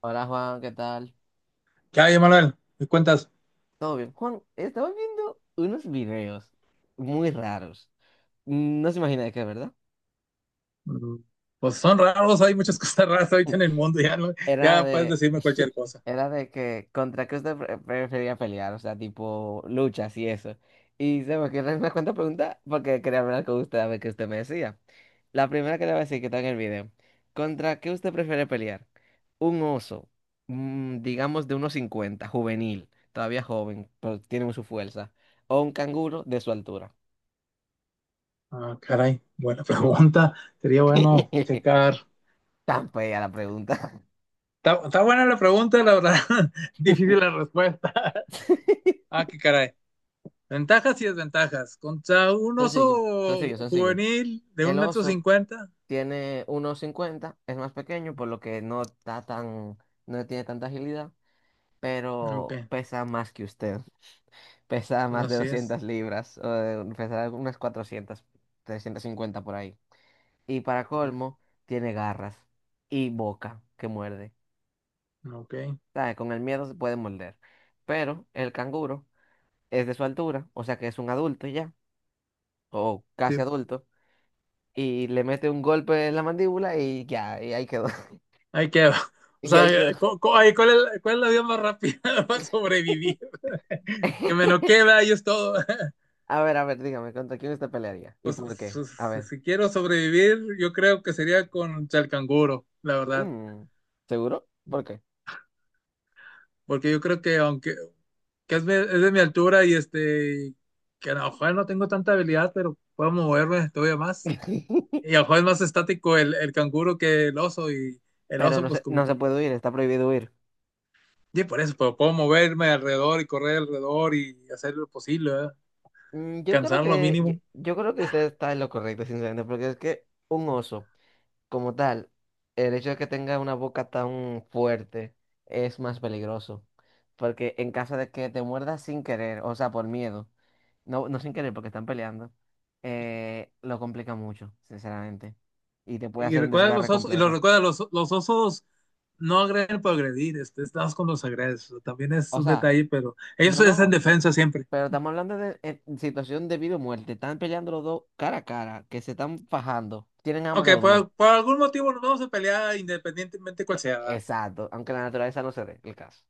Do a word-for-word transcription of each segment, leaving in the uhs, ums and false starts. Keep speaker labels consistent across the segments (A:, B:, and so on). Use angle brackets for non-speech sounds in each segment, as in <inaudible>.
A: Hola Juan, ¿qué tal?
B: ¿Qué hay, Manuel? ¿Me cuentas?
A: ¿Todo bien? Juan, estaba viendo unos videos muy raros. No se imagina de qué, ¿verdad?
B: Mm, pues son raros, hay muchas <laughs> cosas raras ahorita en el
A: <laughs>
B: mundo, ya, no-
A: Era
B: ya puedes
A: de,
B: decirme cualquier
A: <laughs>
B: cosa.
A: era de que contra qué usted pre- prefería pelear, o sea, tipo luchas y eso. Y se me ocurrió una cuanta pregunta porque quería hablar con usted a ver qué usted me decía. La primera que le voy a decir que está en el video. ¿Contra qué usted prefiere pelear? Un oso, mm, digamos de unos cincuenta juvenil, todavía joven, pero tiene su fuerza. O un canguro de su altura.
B: Ah, caray, buena pregunta, sería bueno
A: <laughs>
B: checar.
A: Tan fea la pregunta.
B: Está, está buena la pregunta, la verdad, <laughs> difícil la respuesta. <laughs>
A: <laughs>
B: Ah, qué caray. Ventajas y desventajas. Contra un
A: Sencillo,
B: oso
A: sencillo, sencillo.
B: juvenil de un
A: El
B: metro
A: oso.
B: cincuenta.
A: Tiene uno cincuenta, es más pequeño, por lo que no está tan, no tiene tanta agilidad,
B: Ok,
A: pero pesa más que usted. <laughs> Pesa más de
B: así es.
A: doscientas libras, o de- pesa unas cuatrocientas, cincuenta por ahí. Y para colmo, tiene garras y boca que muerde.
B: Ok,
A: ¿Sabe? Con el miedo se puede morder. Pero el canguro es de su altura, o sea que es un adulto ya, o casi
B: sí,
A: adulto, y le mete un golpe en la mandíbula y ya, y ahí quedó. <laughs>
B: ahí queda. <laughs> O
A: Y ahí
B: sea,
A: quedó.
B: cu- cu- ahí, ¿cuál es, cuál es la vía más rápida <laughs> para sobrevivir? Que me lo
A: <laughs>
B: queda y es todo. <laughs>
A: A ver, a ver, dígame, ¿contra quién usted pelearía? ¿Y
B: Pues,
A: por qué?
B: si,
A: A ver.
B: si quiero sobrevivir, yo creo que sería con chalcanguro, la verdad.
A: Mm, ¿seguro? ¿Por qué?
B: Porque yo creo que aunque que es, mi- es de mi altura y este, que a lo mejor no tengo tanta habilidad, pero puedo moverme todavía más.
A: <laughs>
B: Y a lo mejor es más estático el, el canguro que el oso y el
A: Pero
B: oso
A: no
B: pues
A: se,
B: como
A: no se
B: que...
A: puede huir, está prohibido huir.
B: Y por eso, pero puedo moverme alrededor y correr alrededor y hacer lo posible, ¿verdad?
A: Mm, Yo creo
B: Cansar lo
A: que, yo,
B: mínimo.
A: yo creo que usted está en lo correcto, sinceramente, porque es que un oso, como tal, el hecho de que tenga una boca tan fuerte es más peligroso. Porque en caso de que te muerdas sin querer, o sea, por miedo, no, no sin querer porque están peleando, eh, lo complica mucho, sinceramente. Y te puede
B: Y
A: hacer un
B: recuerda
A: desgarre
B: los osos, y lo
A: completo.
B: recuerda, los, los osos no agreden por agredir, este, estás con los agredes, también es
A: O
B: un
A: sea,
B: detalle, pero ellos
A: no,
B: es en
A: no,
B: defensa siempre.
A: pero estamos hablando de, eh, situación de vida o muerte. Están peleando los dos cara a cara, que se están fajando. Tienen
B: Ok,
A: hambre los dos.
B: por, por algún motivo nos vamos a pelear independientemente cuál sea, ¿verdad?
A: Exacto, aunque la naturaleza no se dé el caso.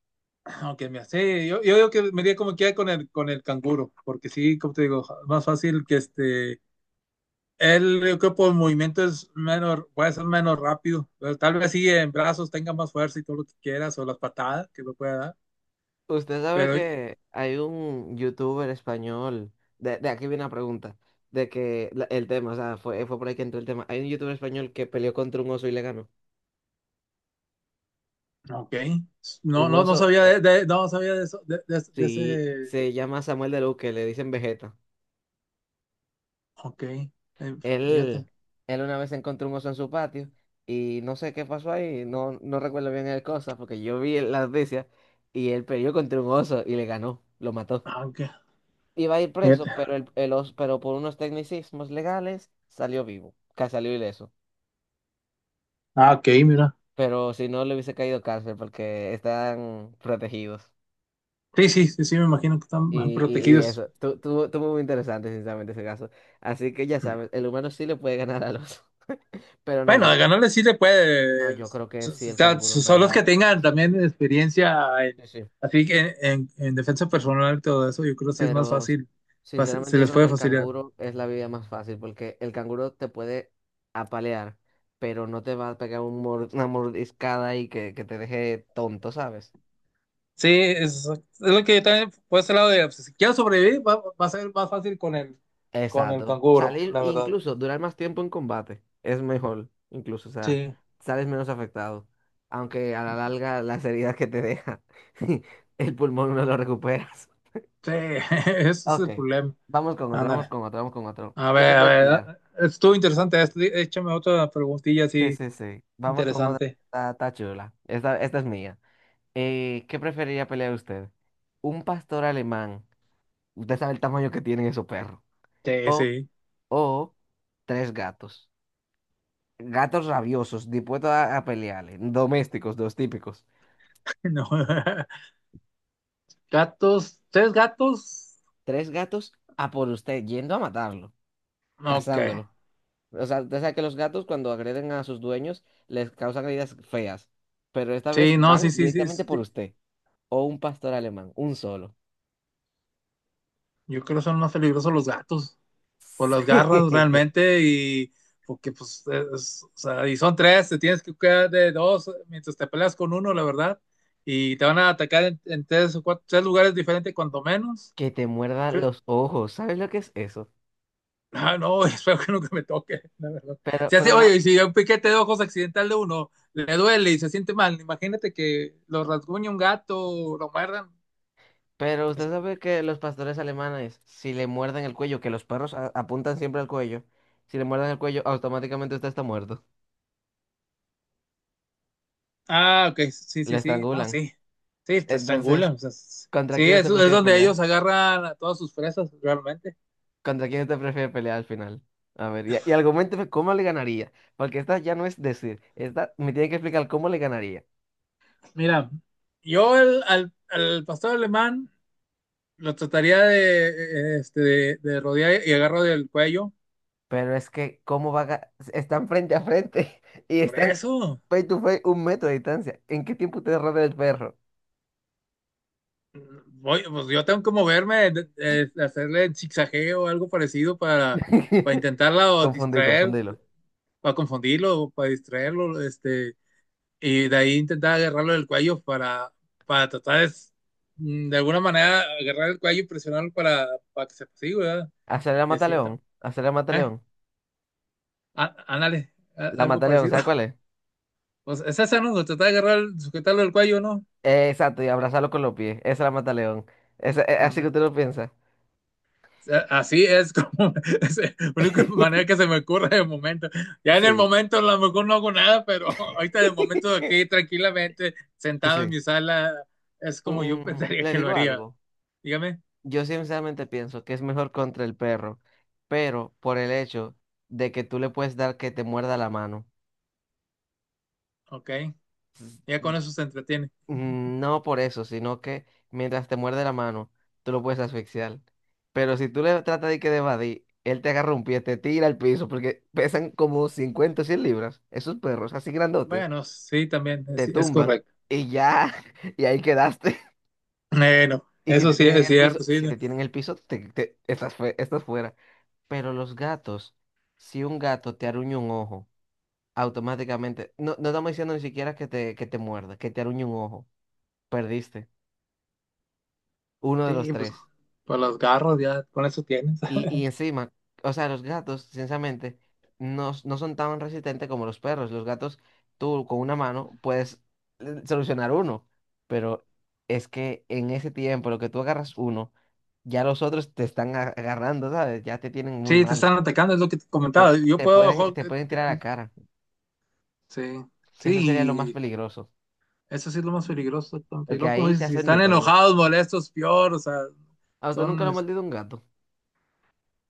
B: Ah, ok, mira, sí, yo, yo digo que me iría como quiera con el, con el canguro, porque sí, como te digo, más fácil que este, él, yo creo por movimiento es menos, puede ser menos rápido, pero tal vez sí en brazos tenga más fuerza y todo lo que quieras, o las patadas que lo pueda dar.
A: Usted sabe
B: Pero
A: que hay un youtuber español, de, de aquí viene la pregunta, de que la- el tema, o sea, fue, fue por ahí que entró el tema. Hay un youtuber español que peleó contra un oso y le ganó.
B: ok. No,
A: Un
B: no, no
A: oso,
B: sabía
A: eh,
B: de, de- no sabía de eso, de, de- de
A: sí,
B: ese.
A: se llama Samuel de Luz, le dicen Vegeta.
B: Ok. Eh,
A: Él,
B: fíjate.
A: él una vez encontró un oso en su patio y no sé qué pasó ahí, no, no recuerdo bien el cosa, porque yo vi la noticia y él peleó contra un oso y le ganó, lo mató.
B: Ah, ok.
A: Iba a ir preso,
B: Fíjate.
A: pero, el, el oso- pero por unos tecnicismos legales salió vivo, ca- salió ileso.
B: Ah, ok, mira.
A: Pero si no, le hubiese caído cárcel porque están protegidos.
B: Sí, sí, sí, sí, me imagino que están
A: Y, y, y
B: protegidos.
A: eso, tu- tuvo tuvo muy interesante, sinceramente, ese caso. Así que ya sabes, el humano sí le puede ganar al oso. <laughs> Pero no,
B: Bueno,
A: yo,
B: de ganarle sí le
A: no,
B: puede.
A: yo creo que
B: So-
A: sí, el
B: so-
A: canguro en
B: Son los que
A: verdad.
B: tengan también experiencia
A: Sí,
B: en,
A: sí.
B: así que en, en- en defensa personal y todo eso, yo creo que sí es más
A: Pero
B: fácil, fácil- se
A: sinceramente yo
B: les
A: creo que
B: puede
A: el
B: facilitar.
A: canguro es la vida más fácil porque el canguro te puede apalear, pero no te va a pegar un mor- una mordiscada y que, que te deje tonto, ¿sabes?
B: Sí, es, es lo que yo también por ese lado de pues, si quiero sobrevivir, va, va a ser más fácil con el con el
A: Exacto.
B: canguro,
A: Salir,
B: la verdad.
A: incluso durar más tiempo en combate es mejor, incluso, o sea,
B: Sí,
A: sales menos afectado, aunque a la larga las heridas que te deja, <laughs> el pulmón no lo recuperas. <laughs>
B: sí, <laughs> ese es
A: Ok,
B: el problema.
A: vamos con otro, vamos
B: Ándale.
A: con otro, vamos con otro.
B: A
A: ¿Qué
B: ver, a
A: prefieres
B: ver,
A: pelear?
B: ah, estuvo interesante esto. Dí- Échame otra preguntilla
A: Sí,
B: así
A: sí, sí. Vamos con otra que
B: interesante.
A: Está, está chula. Esta, esta es mía. Eh, ¿qué preferiría pelear usted? ¿Un pastor alemán? Usted sabe el tamaño que tienen esos perros.
B: Sí,
A: O,
B: sí.
A: o tres gatos. Gatos rabiosos, dispuestos a, a pelearle. Domésticos, los típicos.
B: <laughs> No. Gatos, ¿tres gatos?
A: Tres gatos a por usted, yendo a matarlo,
B: Ok.
A: cazándolo. O sea, usted sabe que los gatos cuando agreden a sus dueños les causan heridas feas. Pero esta vez
B: Sí, no,
A: van
B: sí, sí, sí,
A: directamente por
B: sí.
A: usted. O un pastor alemán, un solo.
B: Yo creo que son más peligrosos los gatos por las
A: Sí.
B: garras
A: <laughs>
B: realmente y porque pues, es- o sea, y son tres, te tienes que cuidar de dos mientras te peleas con uno, la verdad. Y te van a atacar en, en tres o cuatro, tres lugares diferentes cuanto menos.
A: Que te
B: Yo
A: muerdan
B: creo-
A: los ojos, ¿sabes lo que es eso?
B: Ah, no, <laughs> espero que nunca me toque, la verdad.
A: Pero,
B: Si hace,
A: pero, una-
B: oye, y si un piquete de ojos accidental de uno le duele y se siente mal, imagínate que lo rasguñe un gato, lo muerdan.
A: pero usted sabe que los pastores alemanes, si le muerden el cuello, que los perros a- apuntan siempre al cuello, si le muerden el cuello, automáticamente usted está muerto.
B: Ah, ok, sí,
A: Le
B: sí, sí, no,
A: estrangulan.
B: sí, sí, te
A: Entonces,
B: estrangulan. O sea, s-
A: ¿contra
B: sí,
A: quién
B: es,
A: usted
B: es
A: prefiere
B: donde
A: pelear?
B: ellos agarran a todas sus presas, realmente.
A: ¿Contra quién usted prefiere pelear al final? A ver, y, y argumente cómo le ganaría, porque esta ya no es decir, esta me tiene que explicar cómo le ganaría.
B: Mira, yo el- al, al pastor alemán lo trataría de, eh, este, de, de rodear y agarro del cuello,
A: Pero es que, ¿cómo va a? ga- Están frente a frente <laughs> y
B: por
A: están
B: eso.
A: face to face, un metro de distancia. ¿En qué tiempo ustedes rodean el perro?
B: Voy, pues yo tengo que moverme, de- de- hacerle el zigzagueo o algo parecido para, para
A: <laughs>
B: intentarla
A: Confundí,
B: distraer,
A: confundílo.
B: para confundirlo, para distraerlo, este, y de ahí intentar agarrarlo del cuello para, para tratar de, s- mm, de alguna manera agarrar el cuello y presionarlo para, para que se siga, ¿verdad?
A: Hacer la
B: De
A: mata
B: cierto.
A: león. Hacer la mata
B: Eh,
A: león.
B: á- ándale, a-
A: La
B: algo
A: mata león,
B: parecido.
A: ¿sabe
B: <laughs>
A: cuál es?
B: Pues esa es esa, ¿no? Tratar de agarrar, sujetarlo del cuello, ¿no?
A: Eh, exacto, y abrazarlo con los pies. Esa es la mata león. Esa, eh,
B: No,
A: así
B: no.
A: que usted lo piensa.
B: Así es como <laughs> es la única manera que se
A: <laughs>
B: me ocurre de momento. Ya en el
A: Sí,
B: momento a lo mejor no hago nada, pero <laughs> ahorita en el momento
A: <laughs>
B: aquí tranquilamente
A: sí,
B: sentado en
A: sí.
B: mi sala es como yo <laughs>
A: Mm,
B: pensaría
A: le
B: que lo
A: digo
B: haría.
A: algo.
B: Dígame,
A: Yo sinceramente pienso que es mejor contra el perro, pero por el hecho de que tú le puedes dar que te muerda la mano.
B: ok,
A: Pues,
B: ya con eso se entretiene.
A: mm, no por eso, sino que mientras te muerde la mano, tú lo puedes asfixiar. Pero si tú le tratas de que de evadir, él te agarra un pie, te tira al piso, porque pesan como cincuenta o cien libras, esos perros así grandotes,
B: Bueno, sí, también
A: te
B: es, es
A: tumban
B: correcto.
A: y ya, <laughs> y ahí quedaste. <laughs>
B: Bueno,
A: Y si
B: eso
A: te
B: sí
A: tienen en
B: es
A: el piso,
B: cierto, sí,
A: si
B: ¿no?
A: te tienen en el piso, te, te- estás, fue- estás fuera. Pero los gatos, si un gato te aruña un ojo, automáticamente, no, no estamos diciendo ni siquiera que te, que te, muerda, que te aruñe un ojo, perdiste. Uno de los
B: Sí, pues
A: tres.
B: por los garros ya con eso tienes.
A: Y,
B: <laughs>
A: y encima, o sea, los gatos, sinceramente, no, s- no son tan resistentes como los perros. Los gatos, tú con una mano puedes eh, solucionar uno, pero es que en ese tiempo, lo que tú agarras uno, ya los otros te están a- agarrando, ¿sabes? Ya te tienen muy
B: Sí, te
A: mal.
B: están atacando, es lo que te
A: Te,
B: comentaba. Yo
A: te
B: puedo,
A: pueden,
B: jo-
A: te
B: eh,
A: pueden tirar a la cara,
B: sí,
A: que eso sería lo más
B: sí,
A: peligroso,
B: eso sí es lo más peligroso, tonto. Y
A: porque
B: luego, como
A: ahí te
B: dices, si
A: hacen de
B: están
A: todo.
B: enojados, molestos, peor, o sea,
A: ¿A usted nunca
B: son,
A: lo ha
B: es-
A: mordido un gato?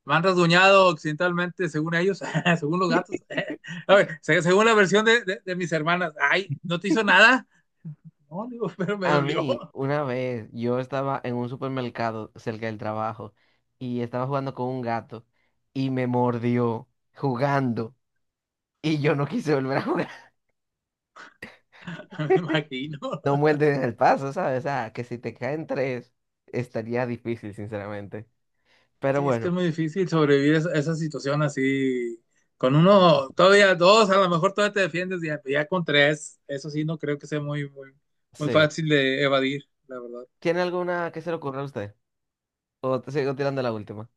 B: van rasguñado occidentalmente, según ellos, <laughs> según los gatos. <laughs> A ver, se- según la versión de, de- de mis hermanas, ay, ¿no te hizo nada? No, digo, <laughs> pero me
A: A
B: dolió,
A: mí, una vez, yo estaba en un supermercado cerca del trabajo y estaba jugando con un gato y me mordió jugando y yo no quise volver a jugar. <laughs>
B: <laughs> me imagino.
A: No muerden en el paso, ¿sabes? O sea, que si te caen tres, estaría difícil, sinceramente. Pero
B: Sí, es que es
A: bueno,
B: muy difícil sobrevivir esa, esa situación así. Con uno, todavía dos, a lo mejor todavía te defiendes, ya, ya con tres, eso sí, no creo que sea muy, muy, muy
A: sí.
B: fácil de evadir, la verdad.
A: ¿Tiene alguna que se le ocurra a usted? ¿O te sigo tirando la última?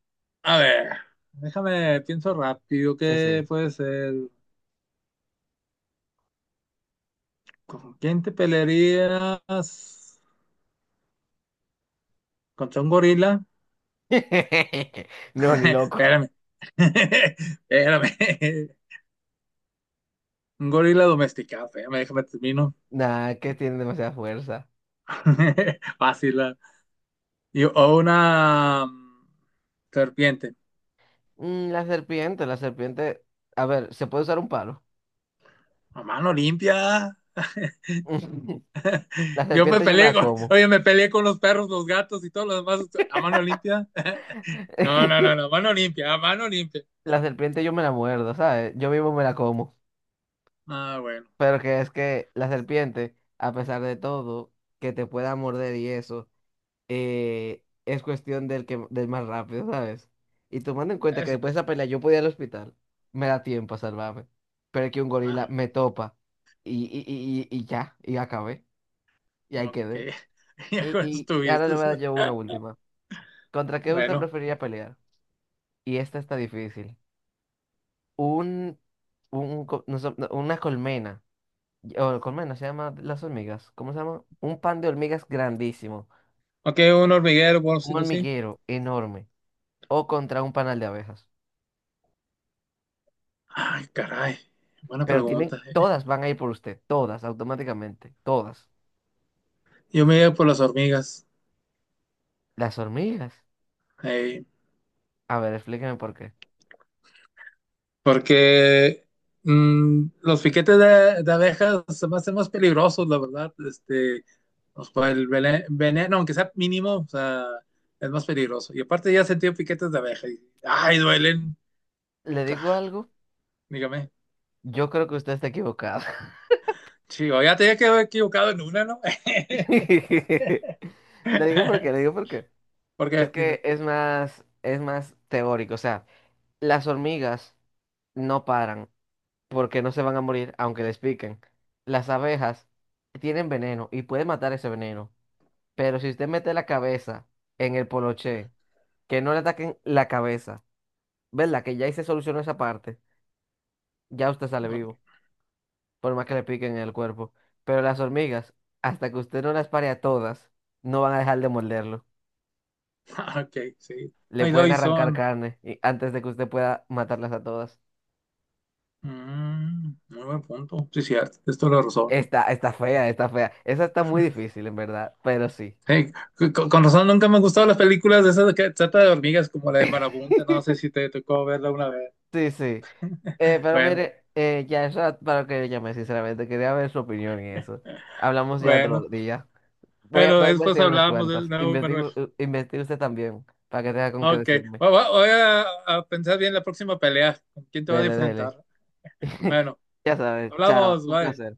B: A ver, déjame, pienso rápido,
A: Sí,
B: ¿qué
A: sí.
B: puede ser? ¿Con quién te pelearías? ¿Contra un gorila?
A: <laughs> No,
B: <laughs>
A: ni loco.
B: Espérame, <laughs> espérame. Un gorila domesticado, espérame, déjame termino.
A: Nah, que tienen demasiada fuerza.
B: <laughs> Fácil. Ah. Y- O una mm, serpiente.
A: Mm, la serpiente, la serpiente. A ver, ¿se puede usar un palo?
B: A mano limpia.
A: <laughs> La
B: Yo me
A: serpiente yo me
B: peleé
A: la
B: con,
A: como.
B: oye, me peleé con los perros, los gatos y todo lo demás a mano limpia. <laughs> No, no, no,
A: <laughs>
B: no, mano limpia, a mano limpia.
A: La serpiente yo me la muerdo, ¿sabes? Yo mismo me la como.
B: Ah, bueno.
A: Pero que es que la serpiente, a pesar de todo, que te pueda morder y eso, eh, es cuestión del que, del más rápido, ¿sabes? Y tomando en cuenta que
B: Eso.
A: después de esa pelea yo podía ir al hospital, me da tiempo a salvarme. Pero es que un gorila
B: Ah.
A: me topa y, y, y, y y ya, y acabé, y ahí
B: Ok,
A: quedé.
B: <laughs> ya
A: Y,
B: con eso
A: y, y ahora
B: estuviste.
A: le voy a dar yo una última. ¿Contra qué usted
B: Bueno,
A: preferiría pelear? Y esta está difícil. un, un co- no sé, no, una colmena. O colmena se llama las hormigas. ¿Cómo se llama? Un pan de hormigas grandísimo.
B: ok, un hormiguero, por
A: Un
B: si tú sí.
A: hormiguero enorme. O contra un panal de abejas.
B: Ay, caray, buena
A: Pero tienen,
B: pregunta. Eh.
A: todas van a ir por usted. Todas, automáticamente. Todas.
B: Yo me iba por las hormigas,
A: Las hormigas.
B: eh,
A: A ver, explíqueme por qué.
B: porque mm, los piquetes de, de abejas se me hacen más peligrosos, la verdad. Este, pues, por el vene- veneno, aunque sea mínimo, o sea, es más peligroso. Y aparte ya he sentido piquetes de abeja y, ay, duelen.
A: ¿Le
B: Ca-
A: digo algo?
B: Dígame.
A: Yo creo que usted está equivocado.
B: Chivo, ya te había quedado equivocado en una, ¿no? <laughs>
A: <laughs> Le digo por qué, le digo por qué.
B: ¿Por
A: Es
B: qué? Dime.
A: que es más, es más teórico. O sea, las hormigas no paran, porque no se van a morir aunque les piquen. Las abejas tienen veneno y pueden matar ese veneno, pero si usted mete la cabeza en el poloché, que no le ataquen la cabeza, ¿verdad? Que ya ahí se solucionó esa parte, ya usted sale
B: Ok.
A: vivo, por más que le piquen en el cuerpo. Pero las hormigas, hasta que usted no las pare a todas, no van a dejar de morderlo.
B: <laughs> Ah, ok, sí.
A: Le
B: Ay,
A: pueden arrancar
B: Dyson.
A: carne y- antes de que usted pueda matarlas a todas.
B: Mm, muy buen punto. Sí, cierto. Es toda la razón.
A: Está, está fea, está fea. Esa está muy difícil, en verdad, pero sí.
B: Hey, c- con, con razón nunca me han gustado las películas de esas de que trata de hormigas como la de Marabunta. No sé
A: <laughs>
B: si te tocó verla una vez.
A: Sí, sí. Eh, pero
B: Bueno,
A: mire, eh, ya es ra- para que le llame, sinceramente. Quería ver su opinión en eso. Hablamos ya otro
B: bueno.
A: día. Voy a,
B: Bueno,
A: voy a
B: después
A: investigar unas
B: hablamos de
A: cuantas.
B: nuevo, Manuel.
A: Investigo, eh, investigue usted también, para que tenga con qué
B: Ok.
A: decirme.
B: Voy, voy- voy a, a pensar bien la próxima pelea. ¿Con quién te va a
A: Dele, dele.
B: enfrentar?
A: <laughs>
B: Bueno,
A: Ya sabes, chao.
B: hablamos.
A: Un
B: Bye.
A: placer.